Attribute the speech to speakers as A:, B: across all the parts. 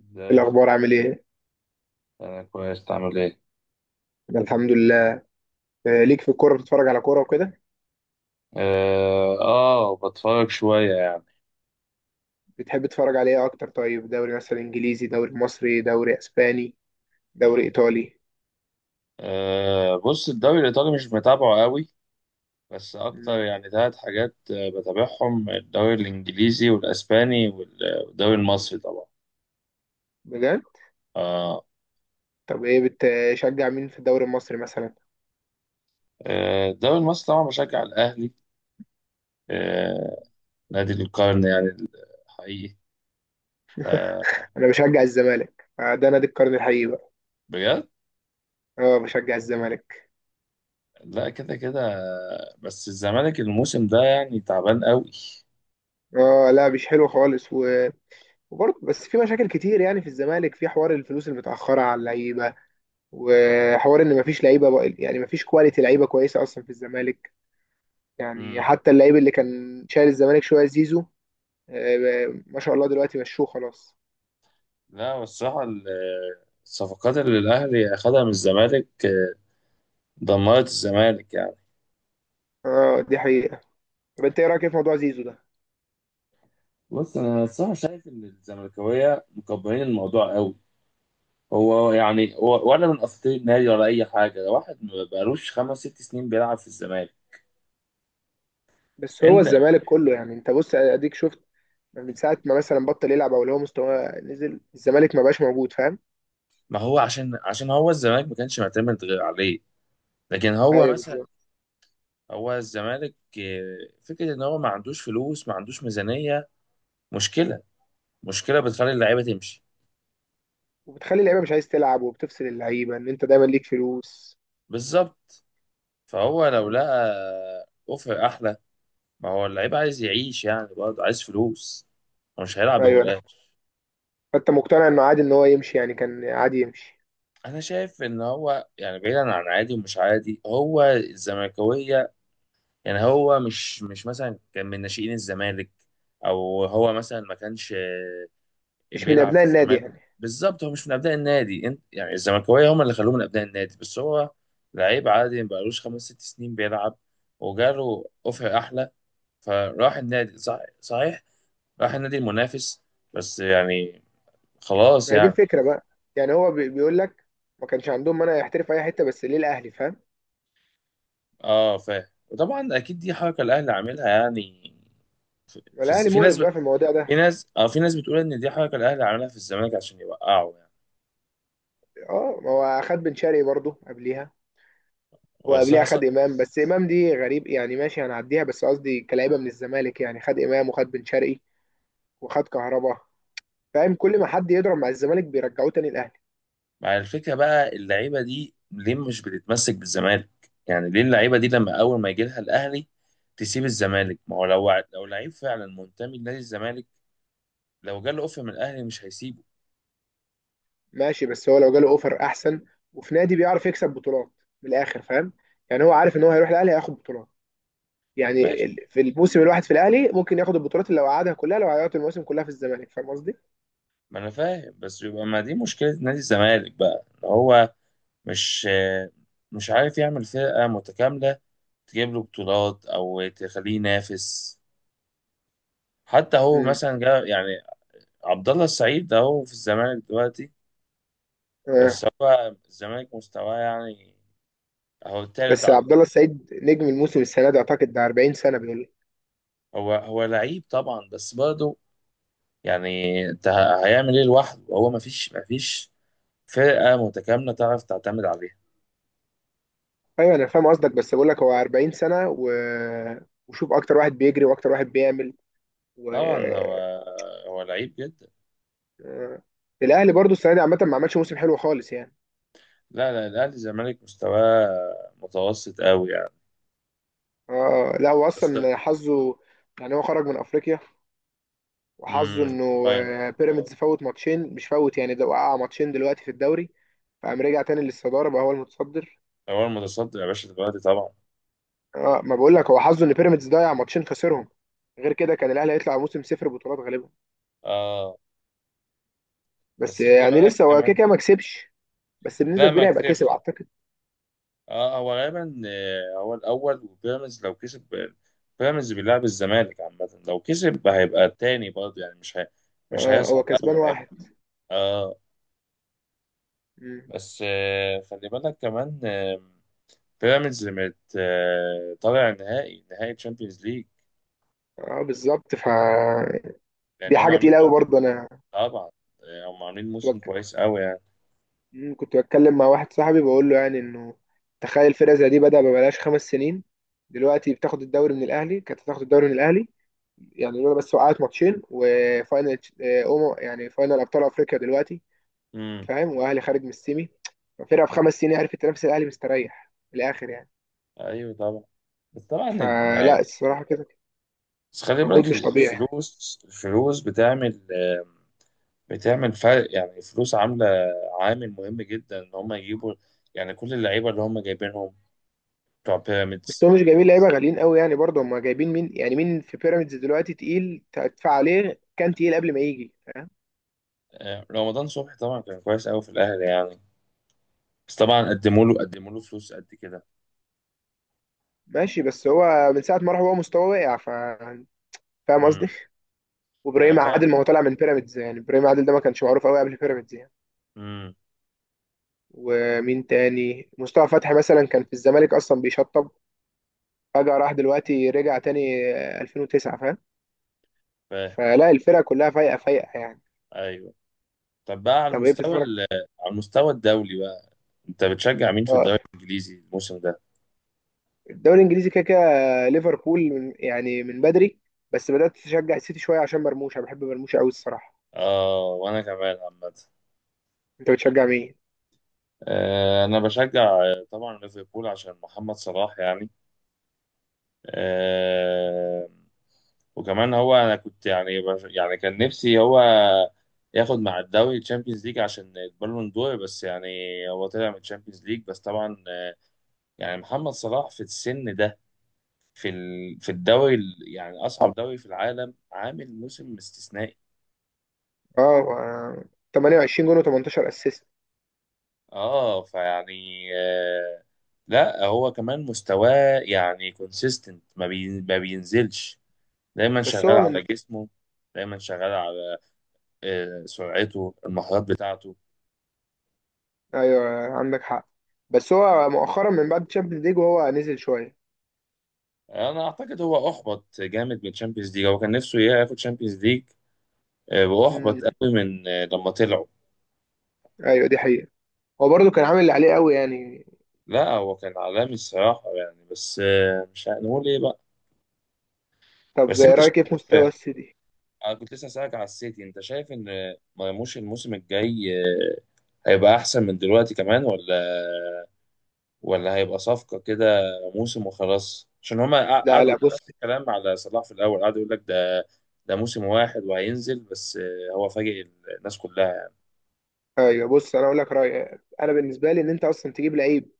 A: ازاي.
B: الأخبار عامل إيه؟
A: انا كويس، تعمل ايه؟
B: أنا الحمد لله. آه، ليك في الكورة بتتفرج على كورة وكده؟
A: اه بتفرج شويه يعني.
B: بتحب تتفرج على إيه أكتر طيب؟ دوري مثلا إنجليزي، دوري مصري، دوري أسباني، دوري إيطالي؟
A: بص، الدوري الايطالي مش متابعه قوي. بس اكتر
B: مم.
A: يعني ثلاث حاجات، بتابعهم: الدوري الانجليزي والاسباني والدوري المصري طبعا.
B: بجد؟
A: اه
B: طب إيه بتشجع مين في الدوري المصري مثلا؟
A: آه، الدوري المصري طبعا بشجع الاهلي. آه نادي القرن يعني، حقيقي. ف
B: أنا بشجع الزمالك، آه، ده نادي القرن الحقيقي بقى.
A: بجد.
B: أه بشجع الزمالك.
A: لا، كده كده. بس الزمالك الموسم ده يعني تعبان قوي.
B: أه لا مش حلو خالص و... وبرضه بس في مشاكل كتير يعني في الزمالك، في حوار الفلوس المتأخرة على اللعيبة وحوار إن مفيش لعيبة يعني مفيش كواليتي لعيبة كويسة أصلا في الزمالك. يعني حتى اللعيب اللي كان شايل الزمالك شويه زيزو، آه، ما شاء الله دلوقتي مشوه خلاص.
A: لا، الصراحة الصفقات اللي الأهلي أخدها من الزمالك دمرت الزمالك يعني.
B: اه دي حقيقه. طب انت ايه رايك إيه في موضوع زيزو ده؟
A: بص، أنا الصراحة شايف إن الزملكاوية مكبرين الموضوع قوي. هو يعني هو ولا من أساطير النادي ولا أي حاجة، ده واحد ما بقالوش خمس ست سنين بيلعب في الزمالك.
B: بس هو
A: أنت.
B: الزمالك كله يعني، انت بص اديك شفت من ساعه ما مثلا بطل يلعب او اللي هو مستواه نزل، الزمالك ما بقاش موجود، فاهم؟
A: ما هو عشان هو الزمالك ما كانش معتمد غير عليه، لكن هو
B: ايوه
A: مثلا.
B: بالظبط.
A: هو الزمالك فكرة إن هو ما عندوش فلوس، ما عندوش ميزانية. مشكلة مشكلة بتخلي اللعيبة تمشي.
B: وبتخلي اللعيبه مش عايز تلعب وبتفصل اللعيبه ان انت دايما ليك فلوس.
A: بالظبط، فهو لو
B: م.
A: لقى اوفر احلى. ما هو اللعيب عايز يعيش يعني، برضه عايز فلوس، هو مش هيلعب
B: ايوه انا.
A: ببلاش.
B: فانت مقتنع انه عادي ان هو يمشي، يعني كان عادي يمشي؟
A: انا شايف ان هو يعني بعيدا عن عادي ومش عادي هو الزملكاويه. يعني هو مش مثلا كان من ناشئين الزمالك، او هو مثلا ما كانش
B: مش من
A: بيلعب في
B: ابناء النادي
A: الزمالك.
B: يعني.
A: بالظبط، هو مش من ابناء النادي، انت يعني الزملكاويه هم اللي خلوه من ابناء النادي، بس هو لعيب عادي ما بقالوش خمس ست سنين بيلعب، وجاله اوفر احلى، فراح النادي صحيح، راح النادي المنافس، بس يعني خلاص
B: ما هي دي
A: يعني.
B: الفكره بقى. يعني هو بيقول لك ما كانش عندهم مانع يحترف اي حته، بس ليه الاهلي؟ فاهم؟
A: اه فاهم، وطبعا اكيد دي حركه الاهلي عاملها يعني. في, في,
B: الاهلي
A: في ناس
B: مقرف بقى في المواضيع
A: في
B: ده.
A: ناس اه في ناس بتقول ان دي حركه الاهلي عاملها في الزمالك عشان يوقعه يعني.
B: اه ما هو اخد بن شرقي برضه قبليها.
A: وصراحه
B: وقبليها خد امام، بس امام دي غريب يعني، ماشي هنعديها، بس قصدي كلاعيبه من الزمالك يعني. خد امام وخد بن شرقي وخد كهربا. فاهم؟ كل ما حد يضرب مع الزمالك بيرجعوه تاني الاهلي.
A: مع الفكره بقى، اللعيبه دي ليه مش بتتمسك بالزمالك؟ يعني ليه اللعيبه دي لما اول ما يجي لها الاهلي تسيب الزمالك؟ ما هو لو لعيب فعلا منتمي لنادي الزمالك، لو جاله اوفر من الاهلي مش هيسيبه.
B: ماشي بس هو لو جاله اوفر احسن، وفي نادي بيعرف يكسب بطولات، من الاخر فاهم؟ يعني هو عارف ان هو هيروح الاهلي هياخد بطولات. يعني
A: ماشي،
B: في الموسم الواحد في الاهلي ممكن ياخد البطولات اللي لو قعدها كلها، لو عيط الموسم كلها في الزمالك، فاهم قصدي؟
A: ما انا فاهم، بس يبقى ما دي مشكله نادي الزمالك بقى، ان هو مش مش عارف يعمل فرقه متكامله تجيب له بطولات او تخليه ينافس. حتى هو
B: امم.
A: مثلا جا يعني، عبد الله السعيد ده هو في الزمالك دلوقتي،
B: آه.
A: بس هو الزمالك مستواه يعني هو التالت
B: بس
A: على.
B: عبد الله السعيد نجم الموسم السنه دي اعتقد، ده 40 سنه بيقول لي.
A: هو لعيب طبعا، بس برضه يعني انت هيعمل ايه لوحده؟ هو ما فيش فرقه متكامله تعرف تعتمد عليها.
B: ايوه انا فاهم قصدك بس بقول لك هو 40 سنه و... وشوف اكتر واحد بيجري واكتر واحد بيعمل، و
A: طبعا
B: آه.
A: هو لعيب جدا.
B: الاهلي برضو السنه دي عامه ما عملش موسم حلو خالص يعني.
A: لا لا، الزمالك مستواه متوسط قوي يعني.
B: اه لا هو
A: بس
B: اصلا حظه، يعني هو خرج من افريقيا وحظه
A: امم
B: انه،
A: فاينل.
B: آه، بيراميدز فوت ماتشين، مش فوت يعني ده وقع ماتشين دلوقتي في الدوري، فقام رجع تاني للصدارة بقى هو المتصدر.
A: هو المتصدر يا باشا دلوقتي طبعا.
B: اه ما بقول لك هو حظه ان بيراميدز ضيع ماتشين، خسرهم. غير كده كان الاهلي هيطلع موسم صفر بطولات غالبا.
A: اه،
B: بس
A: بس
B: آه،
A: خلي
B: يعني
A: بالك
B: لسه هو كده
A: كمان.
B: كده ما كسبش. بس بنسبة
A: لا ما
B: كبيرة هيبقى كسب
A: كسبش.
B: اعتقد.
A: اه هو غالبا، هو الاول، وبيراميدز لو كسب، بيراميدز بيلعب الزمالك عامه، لو كسب هيبقى التاني برضه يعني، مش
B: اه هو
A: هيصعد
B: كسبان
A: اول هيبقى.
B: واحد.
A: اه
B: مم.
A: بس خلي بالك كمان، بيراميدز مت آه، طالع نهائي تشامبيونز ليج،
B: اه بالظبط ف،
A: لان
B: دي
A: هم
B: حاجة
A: عاملين.
B: تقيلة قوي برضه انا.
A: طبعا، هم عاملين موسم كويس قوي يعني.
B: مم، كنت بتكلم مع واحد صاحبي بقول له يعني انه، تخيل فرقه زي دي بدأ ببلاش 5 سنين، دلوقتي بتاخد الدوري من الاهلي، كانت هتاخد الدوري من الاهلي، يعني لولا بس وقعت ماتشين وفاينل، آه، يعني فاينل ابطال افريقيا دلوقتي،
A: امم
B: فاهم؟ واهلي خارج من السيمي. ففرقه في 5 سنين عرفت تنافس الاهلي، مستريح من الاخر يعني.
A: ايوه طبعا. بس طبعا
B: فلا الصراحه كده،
A: بس خلي
B: مجهود
A: بالك،
B: مش طبيعي يعني.
A: الفلوس بتعمل، بتعمل فرق يعني، الفلوس عامله عامل مهم جدا ان هم يجيبوا يعني كل اللعيبه اللي هم جايبينهم بتوع
B: بس
A: بيراميدز.
B: هو مش جايبين لعيبه غاليين قوي يعني، برضه هم جايبين مين؟ يعني مين في بيراميدز دلوقتي تقيل تدفع عليه كان تقيل قبل ما يجي؟
A: رمضان صبحي طبعا كان كويس قوي في الاهلي يعني، بس طبعا قدموا له فلوس قد كده.
B: ماشي بس هو من ساعة ما راح هو مستواه واقع ف، فاهم قصدي؟
A: امم انا
B: وابراهيم
A: فاهم.
B: عادل ما هو طالع من بيراميدز يعني، ابراهيم عادل ده ما كانش معروف قوي قبل بيراميدز يعني.
A: امم
B: ومين تاني؟ مصطفى فتحي مثلا كان في الزمالك اصلا بيشطب، فجأة راح دلوقتي رجع تاني 2009، فاهم؟
A: فاهم.
B: فلا الفرقة كلها فايقة فايقة يعني.
A: ايوه. طب بقى على
B: طب ايه
A: المستوى
B: بتتفرج؟
A: على المستوى الدولي بقى، انت بتشجع مين في
B: اه
A: الدوري الانجليزي الموسم ده؟
B: الدوري الانجليزي كده كده ليفربول من يعني من بدري، بس بدأت تشجع السيتي شوية عشان مرموش، انا بحب مرموش قوي الصراحة.
A: اه، وانا كمان عامه.
B: انت بتشجع مين؟
A: انا بشجع، طبعا ليفربول عشان محمد صلاح يعني. آه وكمان هو انا كنت يعني يعني كان نفسي هو ياخد مع الدوري تشامبيونز ليج عشان البالون دور بس يعني. هو طلع من تشامبيونز ليج، بس طبعا، يعني محمد صلاح في السن ده، في الدوري يعني اصعب دوري في العالم، عامل موسم استثنائي.
B: اه و-، 28 جون و18 اسيست.
A: اه فيعني، لا هو كمان مستواه يعني كونسيستنت، ما بينزلش، دايما
B: بس
A: شغال
B: هو من،
A: على جسمه، دايما شغال على سرعته المهارات بتاعته.
B: ايوه عندك حق. بس هو مؤخرا من بعد تشامبيونز ليج وهو نزل شويه.
A: انا اعتقد هو احبط جامد من تشامبيونز ليج، هو كان نفسه ياخد تشامبيونز ليج،
B: امم.
A: واحبط قوي من آه لما طلعوا.
B: ايوه دي حقيقه. هو برضه كان عامل اللي عليه قوي يعني.
A: لا هو كان عالمي الصراحه يعني، بس مش هنقول ايه بقى.
B: طب
A: بس انت شايف،
B: رايك ايه في مستوى
A: آه،
B: السيتي؟
A: انا كنت لسه هسألك على السيتي، انت شايف ان مرموش الموسم الجاي هيبقى احسن من دلوقتي كمان، ولا ولا هيبقى صفقة كده موسم وخلاص؟ عشان هما
B: لا
A: قعدوا
B: لا
A: يقولوا
B: بص.
A: نفس الكلام على صلاح في الاول، قعدوا يقول لك ده ده موسم واحد وهينزل، بس هو فاجئ الناس كلها.
B: ايوه بص انا اقول لك رايي، انا بالنسبه لي ان انت اصلا تجيب لعيب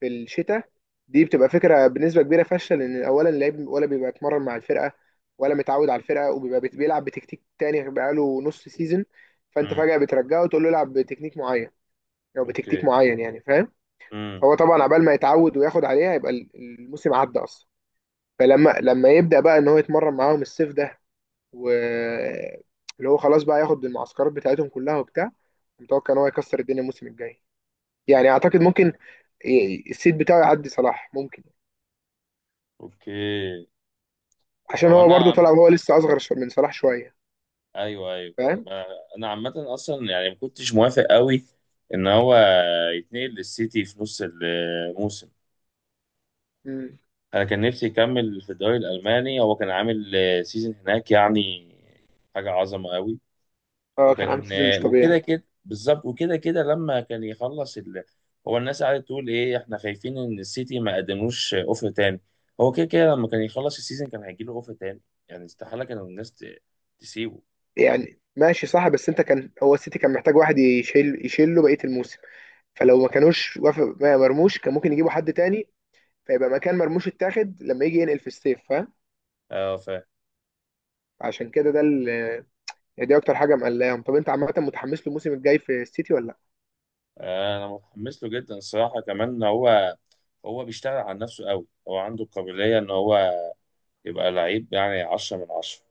B: في الشتاء، دي بتبقى فكره بنسبه كبيره فاشله، لان اولا اللعيب ولا بيبقى اتمرن مع الفرقه ولا متعود على الفرقه، وبيبقى بيلعب بتكتيك تاني بقاله نص سيزون، فانت
A: امم
B: فجاه بترجعه وتقول له العب بتكنيك معين او بتكتيك
A: اوكي.
B: معين يعني، فاهم؟
A: امم
B: هو طبعا عبال ما يتعود وياخد عليها يبقى الموسم عدى اصلا. فلما لما يبدا بقى ان هو يتمرن معاهم الصيف ده و، اللي هو خلاص بقى ياخد المعسكرات بتاعتهم كلها وبتاع، متوقع ان هو يكسر الدنيا الموسم الجاي، يعني اعتقد ممكن، السيد بتاعه يعدي صلاح ممكن،
A: اوكي.
B: عشان
A: هو
B: هو
A: انا
B: برضو طلع
A: عامة،
B: وهو لسه اصغر من صلاح شويه،
A: ايوه ايوه،
B: فاهم؟
A: ما- انا عامة اصلا يعني ما كنتش موافق قوي ان هو يتنقل للسيتي في نص الموسم.
B: مم.
A: انا كان نفسي يكمل في الدوري الالماني، هو كان عامل سيزون هناك يعني حاجه عظمه قوي.
B: اه كان عامل
A: وكان،
B: سيزون مش
A: وكده
B: طبيعي.
A: كده بالظبط، وكده كده لما كان يخلص هو الناس قاعده تقول ايه احنا خايفين ان السيتي ما قدموش اوفر تاني، هو كده كده لما كان يخلص السيزون كان هيجي له اوفر تاني، يعني استحاله كانوا الناس تسيبه.
B: يعني ماشي صح، بس انت كان هو السيتي كان محتاج واحد يشيل، يشيله بقيه الموسم، فلو ما كانوش وافق ما مرموش كان ممكن يجيبوا حد تاني، فيبقى مكان مرموش اتاخد لما يجي ينقل في الصيف، فاهم؟
A: اه
B: عشان كده ده ال-، يعني دي اكتر حاجه مقلقاهم. طب انت عامه متحمس له الموسم الجاي في السيتي ولا لا؟
A: انا متحمس له جدا الصراحه، كمان هو هو بيشتغل على نفسه قوي، هو عنده القابليه ان هو يبقى لعيب يعني 10 من 10